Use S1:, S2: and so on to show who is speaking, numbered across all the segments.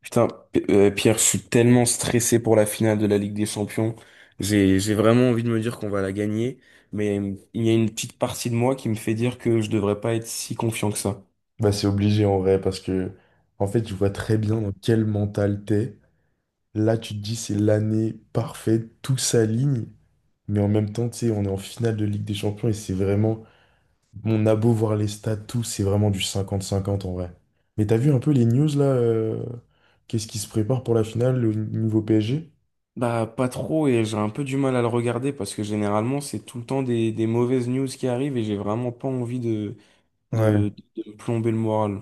S1: Putain, Pierre, je suis tellement stressé pour la finale de la Ligue des Champions. J'ai vraiment envie de me dire qu'on va la gagner, mais il y a une petite partie de moi qui me fait dire que je devrais pas être si confiant que ça.
S2: Bah, c'est obligé en vrai parce que en fait je vois très bien dans quel mental t'es. Là tu te dis c'est l'année parfaite, tout s'aligne, mais en même temps tu sais on est en finale de Ligue des Champions et c'est vraiment mon a beau voir les stats tout, c'est vraiment du cinquante cinquante en vrai. Mais t'as vu un peu les news là qu'est-ce qui se prépare pour la finale au niveau PSG?
S1: Bah, pas trop, et j'ai un peu du mal à le regarder parce que généralement, c'est tout le temps des mauvaises news qui arrivent et j'ai vraiment pas envie
S2: Ouais.
S1: de me plomber le moral.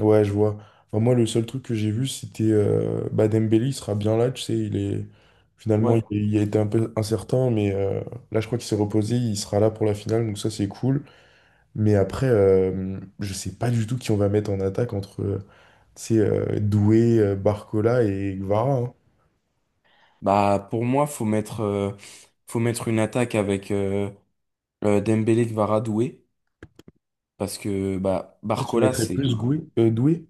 S2: Ouais, je vois. Enfin, moi, le seul truc que j'ai vu, c'était bah, Dembélé, il sera bien là, tu sais, il est... Finalement,
S1: Ouais.
S2: il a été un peu incertain, mais là, je crois qu'il s'est reposé, il sera là pour la finale, donc ça, c'est cool. Mais après, je sais pas du tout qui on va mettre en attaque entre, tu sais, Doué, Barcola et Guevara, hein.
S1: Bah, pour moi, faut mettre une attaque avec Dembélé qui va radouer. Parce que bah,
S2: Toi, tu mettrais plus Doué?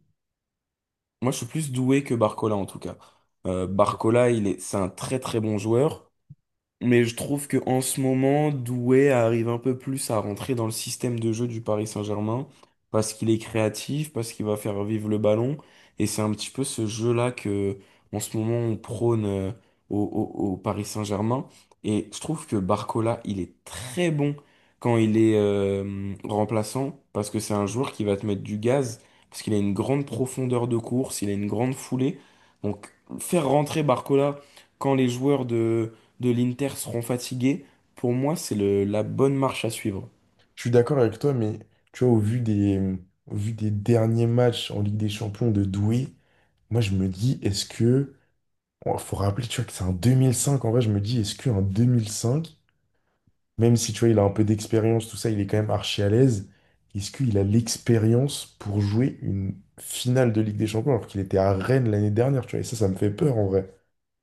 S1: Moi, je suis plus doué que Barcola, en tout cas.
S2: Je
S1: Barcola, il est... c'est un très très bon joueur. Mais je trouve que en ce moment, Doué arrive un peu plus à rentrer dans le système de jeu du Paris Saint-Germain parce qu'il est créatif, parce qu'il va faire vivre le ballon. Et c'est un petit peu ce jeu-là que, en ce moment, on prône au, au- au Paris Saint-Germain. Et je trouve que Barcola, il est très bon quand il est remplaçant parce que c'est un joueur qui va te mettre du gaz, parce qu'il a une grande profondeur de course, il a une grande foulée. Donc, faire rentrer Barcola quand les joueurs de l'Inter seront fatigués, pour moi, la bonne marche à suivre.
S2: suis d'accord avec toi, mais tu vois, au vu des derniers matchs en Ligue des Champions de Doué, moi, je me dis, est-ce que... Il faut rappeler, tu vois, que c'est en 2005. En vrai, je me dis, est-ce qu'en 2005, même si, tu vois, il a un peu d'expérience, tout ça, il est quand même archi à l'aise, est-ce qu'il a l'expérience pour jouer une finale de Ligue des Champions alors qu'il était à Rennes l'année dernière, tu vois? Et ça me fait peur, en vrai.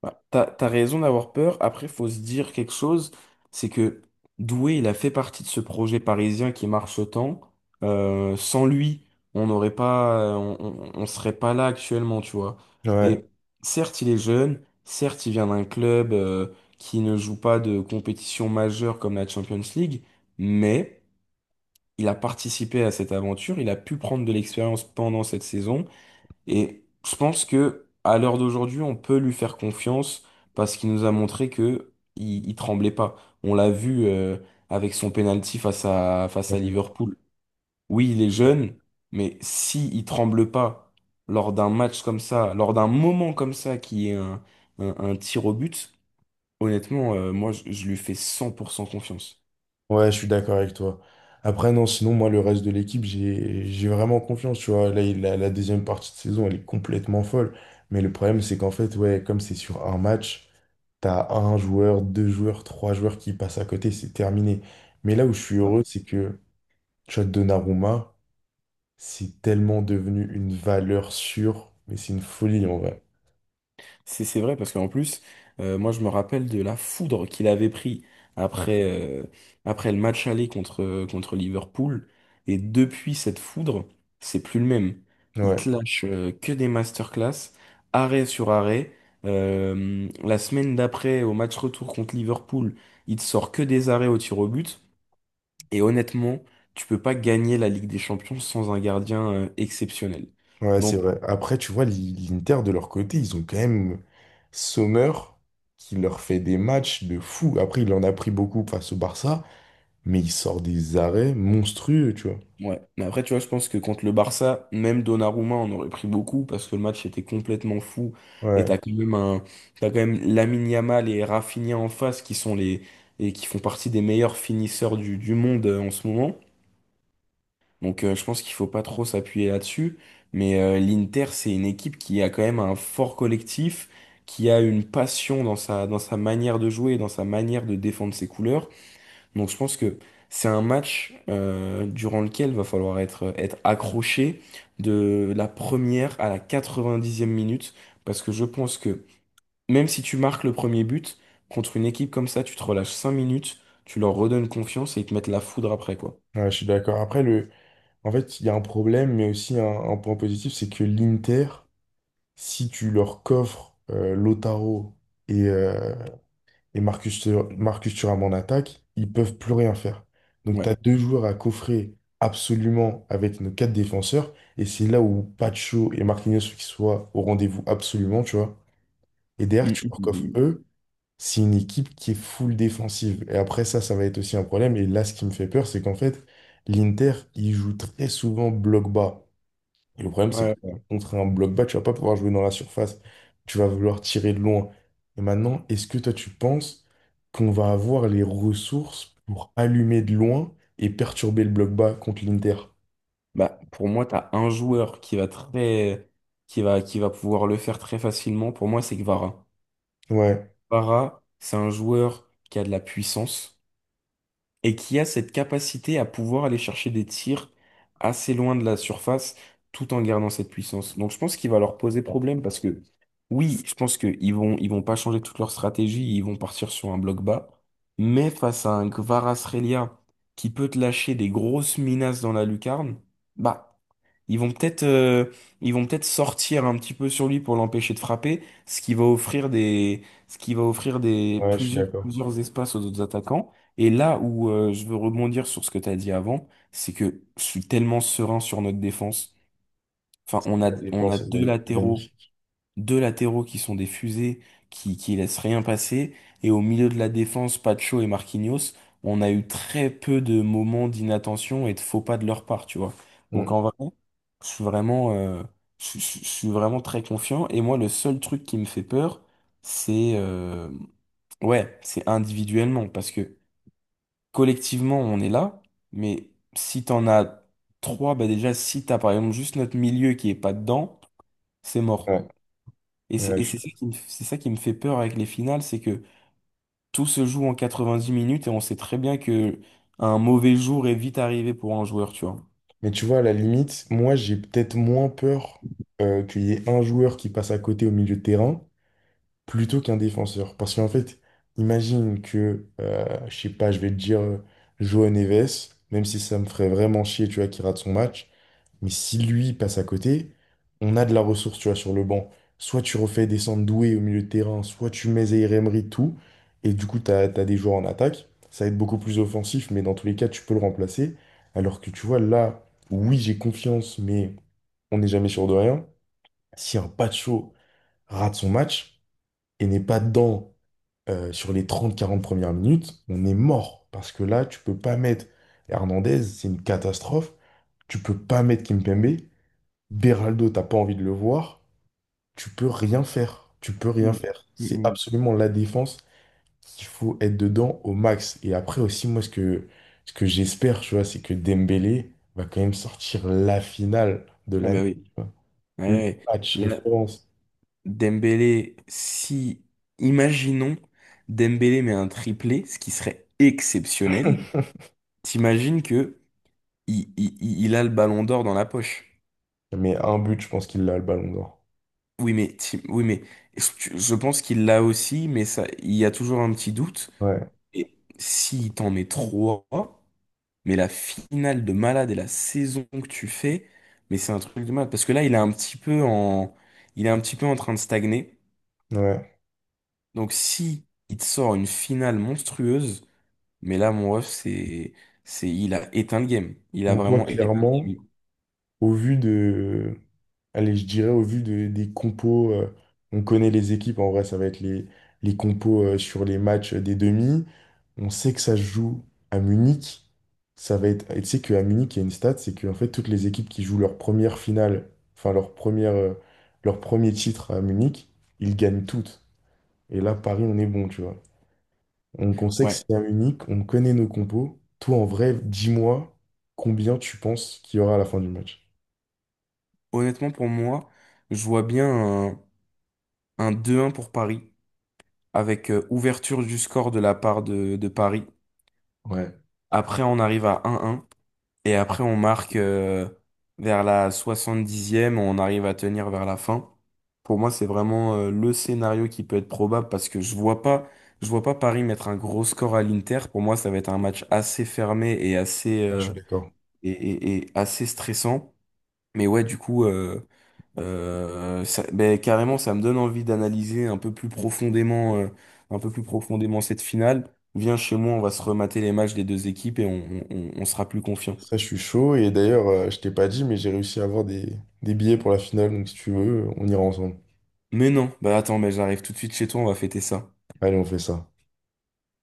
S1: Bah, t'as raison d'avoir peur. Après, faut se dire quelque chose, c'est que Doué, il a fait partie de ce projet parisien qui marche autant. Sans lui, on n'aurait pas, on serait pas là actuellement, tu vois.
S2: Ouais.
S1: Et certes, il est jeune. Certes, il vient d'un club qui ne joue pas de compétition majeure comme la Champions League, mais il a participé à cette aventure. Il a pu prendre de l'expérience pendant cette saison. Et je pense que à l'heure d'aujourd'hui, on peut lui faire confiance parce qu'il nous a montré que il tremblait pas. On l'a vu avec son penalty face à Liverpool. Oui, il est jeune, mais si il tremble pas lors d'un match comme ça, lors d'un moment comme ça qui un tir au but, honnêtement, je lui fais 100% confiance.
S2: Ouais, je suis d'accord avec toi. Après, non, sinon, moi, le reste de l'équipe, j'ai vraiment confiance, tu vois. Là, la deuxième partie de saison, elle est complètement folle. Mais le problème, c'est qu'en fait, ouais, comme c'est sur un match, t'as un joueur, deux joueurs, trois joueurs qui passent à côté, c'est terminé. Mais là où je suis heureux, c'est que Chad Donnarumma, c'est tellement devenu une valeur sûre, mais c'est une folie en vrai.
S1: C'est vrai parce qu'en plus, moi je me rappelle de la foudre qu'il avait pris après, euh, après le match aller contre Liverpool. Et depuis cette foudre, c'est plus le même. Il
S2: Ouais,
S1: te lâche euh, que des masterclass, arrêt sur arrêt. La semaine d'après, au match retour contre Liverpool, il te sort que des arrêts au tir au but. Et honnêtement, tu peux pas gagner la Ligue des Champions sans un gardien exceptionnel.
S2: ouais, c'est
S1: Donc
S2: vrai. Après, tu vois, l'Inter de leur côté, ils ont quand même Sommer qui leur fait des matchs de fou. Après, il en a pris beaucoup face au Barça, mais il sort des arrêts monstrueux, tu vois.
S1: Ouais, mais après, tu vois, je pense que contre le Barça, même Donnarumma, on aurait pris beaucoup parce que le match était complètement fou. Et
S2: Ouais,
S1: t'as quand même Lamine Yamal et Rafinha en face qui et qui font partie des meilleurs finisseurs du monde en ce moment. Donc, je pense qu'il faut pas trop s'appuyer là-dessus. Mais l'Inter, c'est une équipe qui a quand même un fort collectif, qui a une passion dans sa manière de jouer, dans sa manière de défendre ses couleurs. Donc je pense que c'est un match durant lequel va falloir être accroché de la première à la quatre-vingt-dixième minute, parce que je pense que même si tu marques le premier but, contre une équipe comme ça, tu te relâches 5 minutes, tu leur redonnes confiance et ils te mettent la foudre après, quoi.
S2: ouais, je suis d'accord. Après, le... en fait, il y a un problème, mais aussi un point positif, c'est que l'Inter. Si tu leur coffres Lautaro et, euh, et Marcus Thuram en attaque, ils peuvent plus rien faire. Donc tu
S1: Ouais.
S2: as deux joueurs à coffrer absolument avec nos quatre défenseurs, et c'est là où Pacho et Marquinhos faut qu'ils soient au rendez-vous absolument, tu vois. Et derrière,
S1: Mm,
S2: tu leur coffres
S1: mm,
S2: eux, c'est une équipe qui est full défensive. Et après ça, ça va être aussi un problème. Et là, ce qui me fait peur, c'est qu'en fait, l'Inter, il joue très souvent bloc bas. Le problème,
S1: mm.
S2: c'est que
S1: Ouais.
S2: contre un bloc bas, tu vas pas pouvoir jouer dans la surface. Tu vas vouloir tirer de loin. Et maintenant, est-ce que toi, tu penses qu'on va avoir les ressources pour allumer de loin et perturber le bloc bas contre l'Inter?
S1: Bah, pour moi, tu as un joueur qui va très, qui va pouvoir le faire très facilement. Pour moi, c'est Kvara.
S2: Ouais,
S1: Kvara, c'est un joueur qui a de la puissance, et qui a cette capacité à pouvoir aller chercher des tirs assez loin de la surface tout en gardant cette puissance. Donc je pense qu'il va leur poser problème parce que oui, je pense qu'ils vont ils vont pas changer toute leur stratégie, ils vont partir sur un bloc bas, mais face à un Kvaratskhelia qui peut te lâcher des grosses menaces dans la lucarne, bah ils vont peut-être euh, ils vont peut-être sortir un petit peu sur lui pour l'empêcher de frapper, ce qui va offrir des
S2: ouais, je suis
S1: plusieurs
S2: d'accord.
S1: plusieurs espaces aux autres attaquants. Et là où je veux rebondir sur ce que tu as dit avant, c'est que je suis tellement serein sur notre défense. Enfin,
S2: La
S1: on a
S2: défense est magnifique.
S1: deux latéraux qui sont des fusées qui laissent rien passer, et au milieu de la défense, Pacho et Marquinhos, on a eu très peu de moments d'inattention et de faux pas de leur part, tu vois. Donc
S2: Mm.
S1: en vrai, je suis vraiment, euh, je suis vraiment très confiant, et moi, le seul truc qui me fait peur, c'est ouais, c'est individuellement, parce que collectivement, on est là, mais si t'en as trois, bah déjà, si t'as par exemple juste notre milieu qui est pas dedans, c'est mort.
S2: Ouais,
S1: Et
S2: ouais, je suis
S1: c'est
S2: d'accord.
S1: ça qui c'est ça qui me fait peur avec les finales, c'est que tout se joue en 90 minutes et on sait très bien que un mauvais jour est vite arrivé pour un joueur, tu vois.
S2: Mais tu vois, à la limite, moi, j'ai peut-être moins peur qu'il y ait un joueur qui passe à côté au milieu de terrain plutôt qu'un défenseur. Parce qu'en fait, imagine que, je sais pas, je vais te dire Joao Neves, même si ça me ferait vraiment chier, tu vois, qu'il rate son match, mais si lui passe à côté, on a de la ressource, tu vois, sur le banc. Soit tu refais descendre Doué au milieu de terrain, soit tu mets Zaïre Emery, tout, et du coup, t'as des joueurs en attaque. Ça va être beaucoup plus offensif, mais dans tous les cas, tu peux le remplacer. Alors que tu vois, là, oui, j'ai confiance, mais on n'est jamais sûr de rien. Si un Pacho rate son match et n'est pas dedans sur les trente-quarante premières minutes, on est mort. Parce que là, tu peux pas mettre Hernandez, c'est une catastrophe. Tu peux pas mettre Kimpembe. Beraldo, t'as pas envie de le voir. Tu peux rien faire. Tu peux rien
S1: Mm.
S2: faire.
S1: Mm,
S2: C'est
S1: mm.
S2: absolument la défense qu'il faut être dedans au max. Et après aussi, moi, ce que j'espère, tu vois, c'est que Dembélé va quand même sortir la finale de
S1: Ah bah
S2: l'année, tu
S1: oui.
S2: vois.
S1: Ouais,
S2: Le
S1: ouais.
S2: match
S1: Là,
S2: référence.
S1: Dembélé, si, imaginons, Dembélé met un triplé, ce qui serait exceptionnel. T'imagines que il a le ballon d'or dans la poche.
S2: Mais un but, je pense qu'il a le ballon d'or.
S1: Oui, mais je pense qu'il l'a aussi, mais ça, il y a toujours un petit doute.
S2: Ouais,
S1: Et si t'en mets trois, mais la finale de malade et la saison que tu fais, mais c'est un truc de malade. Parce que là, il est un petit peu en train de stagner.
S2: ouais.
S1: Donc si il te sort une finale monstrueuse, mais là, mon ref, c'est, il a éteint le game. Il a
S2: Donc toi,
S1: vraiment éteint le
S2: clairement.
S1: game.
S2: Au vu de, allez, je dirais des compos, on connaît les équipes, en vrai, ça va être les compos sur les matchs des demi. On sait que ça se joue à Munich. Ça va être, et tu sais qu'à Munich, il y a une stat, c'est qu'en fait, toutes les équipes qui jouent leur première finale, enfin leur première, euh, leur premier titre à Munich, ils gagnent toutes. Et là, Paris, on est bon, tu vois. Donc, on sait que
S1: Ouais.
S2: c'est à Munich, on connaît nos compos. Toi, en vrai, dis-moi combien tu penses qu'il y aura à la fin du match.
S1: Honnêtement, pour moi, je vois bien un 2-1 pour Paris, avec ouverture du score de la part de Paris.
S2: Ouais.
S1: Après, on arrive à un un. Et après, on marque vers la soixante dixième, on arrive à tenir vers la fin. Pour moi, c'est vraiment le scénario qui peut être probable parce que je vois pas Paris mettre un gros score à l'Inter. Pour moi, ça va être un match assez fermé
S2: Ah, je suis d'accord.
S1: et assez stressant. Mais ouais, du coup, ben, carrément, ça me donne envie d'analyser un peu plus profondément cette finale. Viens chez moi, on va se remater les matchs des deux équipes et on sera plus confiant.
S2: Ça, je suis chaud. Et d'ailleurs, je t'ai pas dit, mais j'ai réussi à avoir des billets pour la finale. Donc, si tu veux, on ira ensemble.
S1: Mais non, bah attends, mais j'arrive tout de suite chez toi, on va fêter ça.
S2: Allez, on fait ça.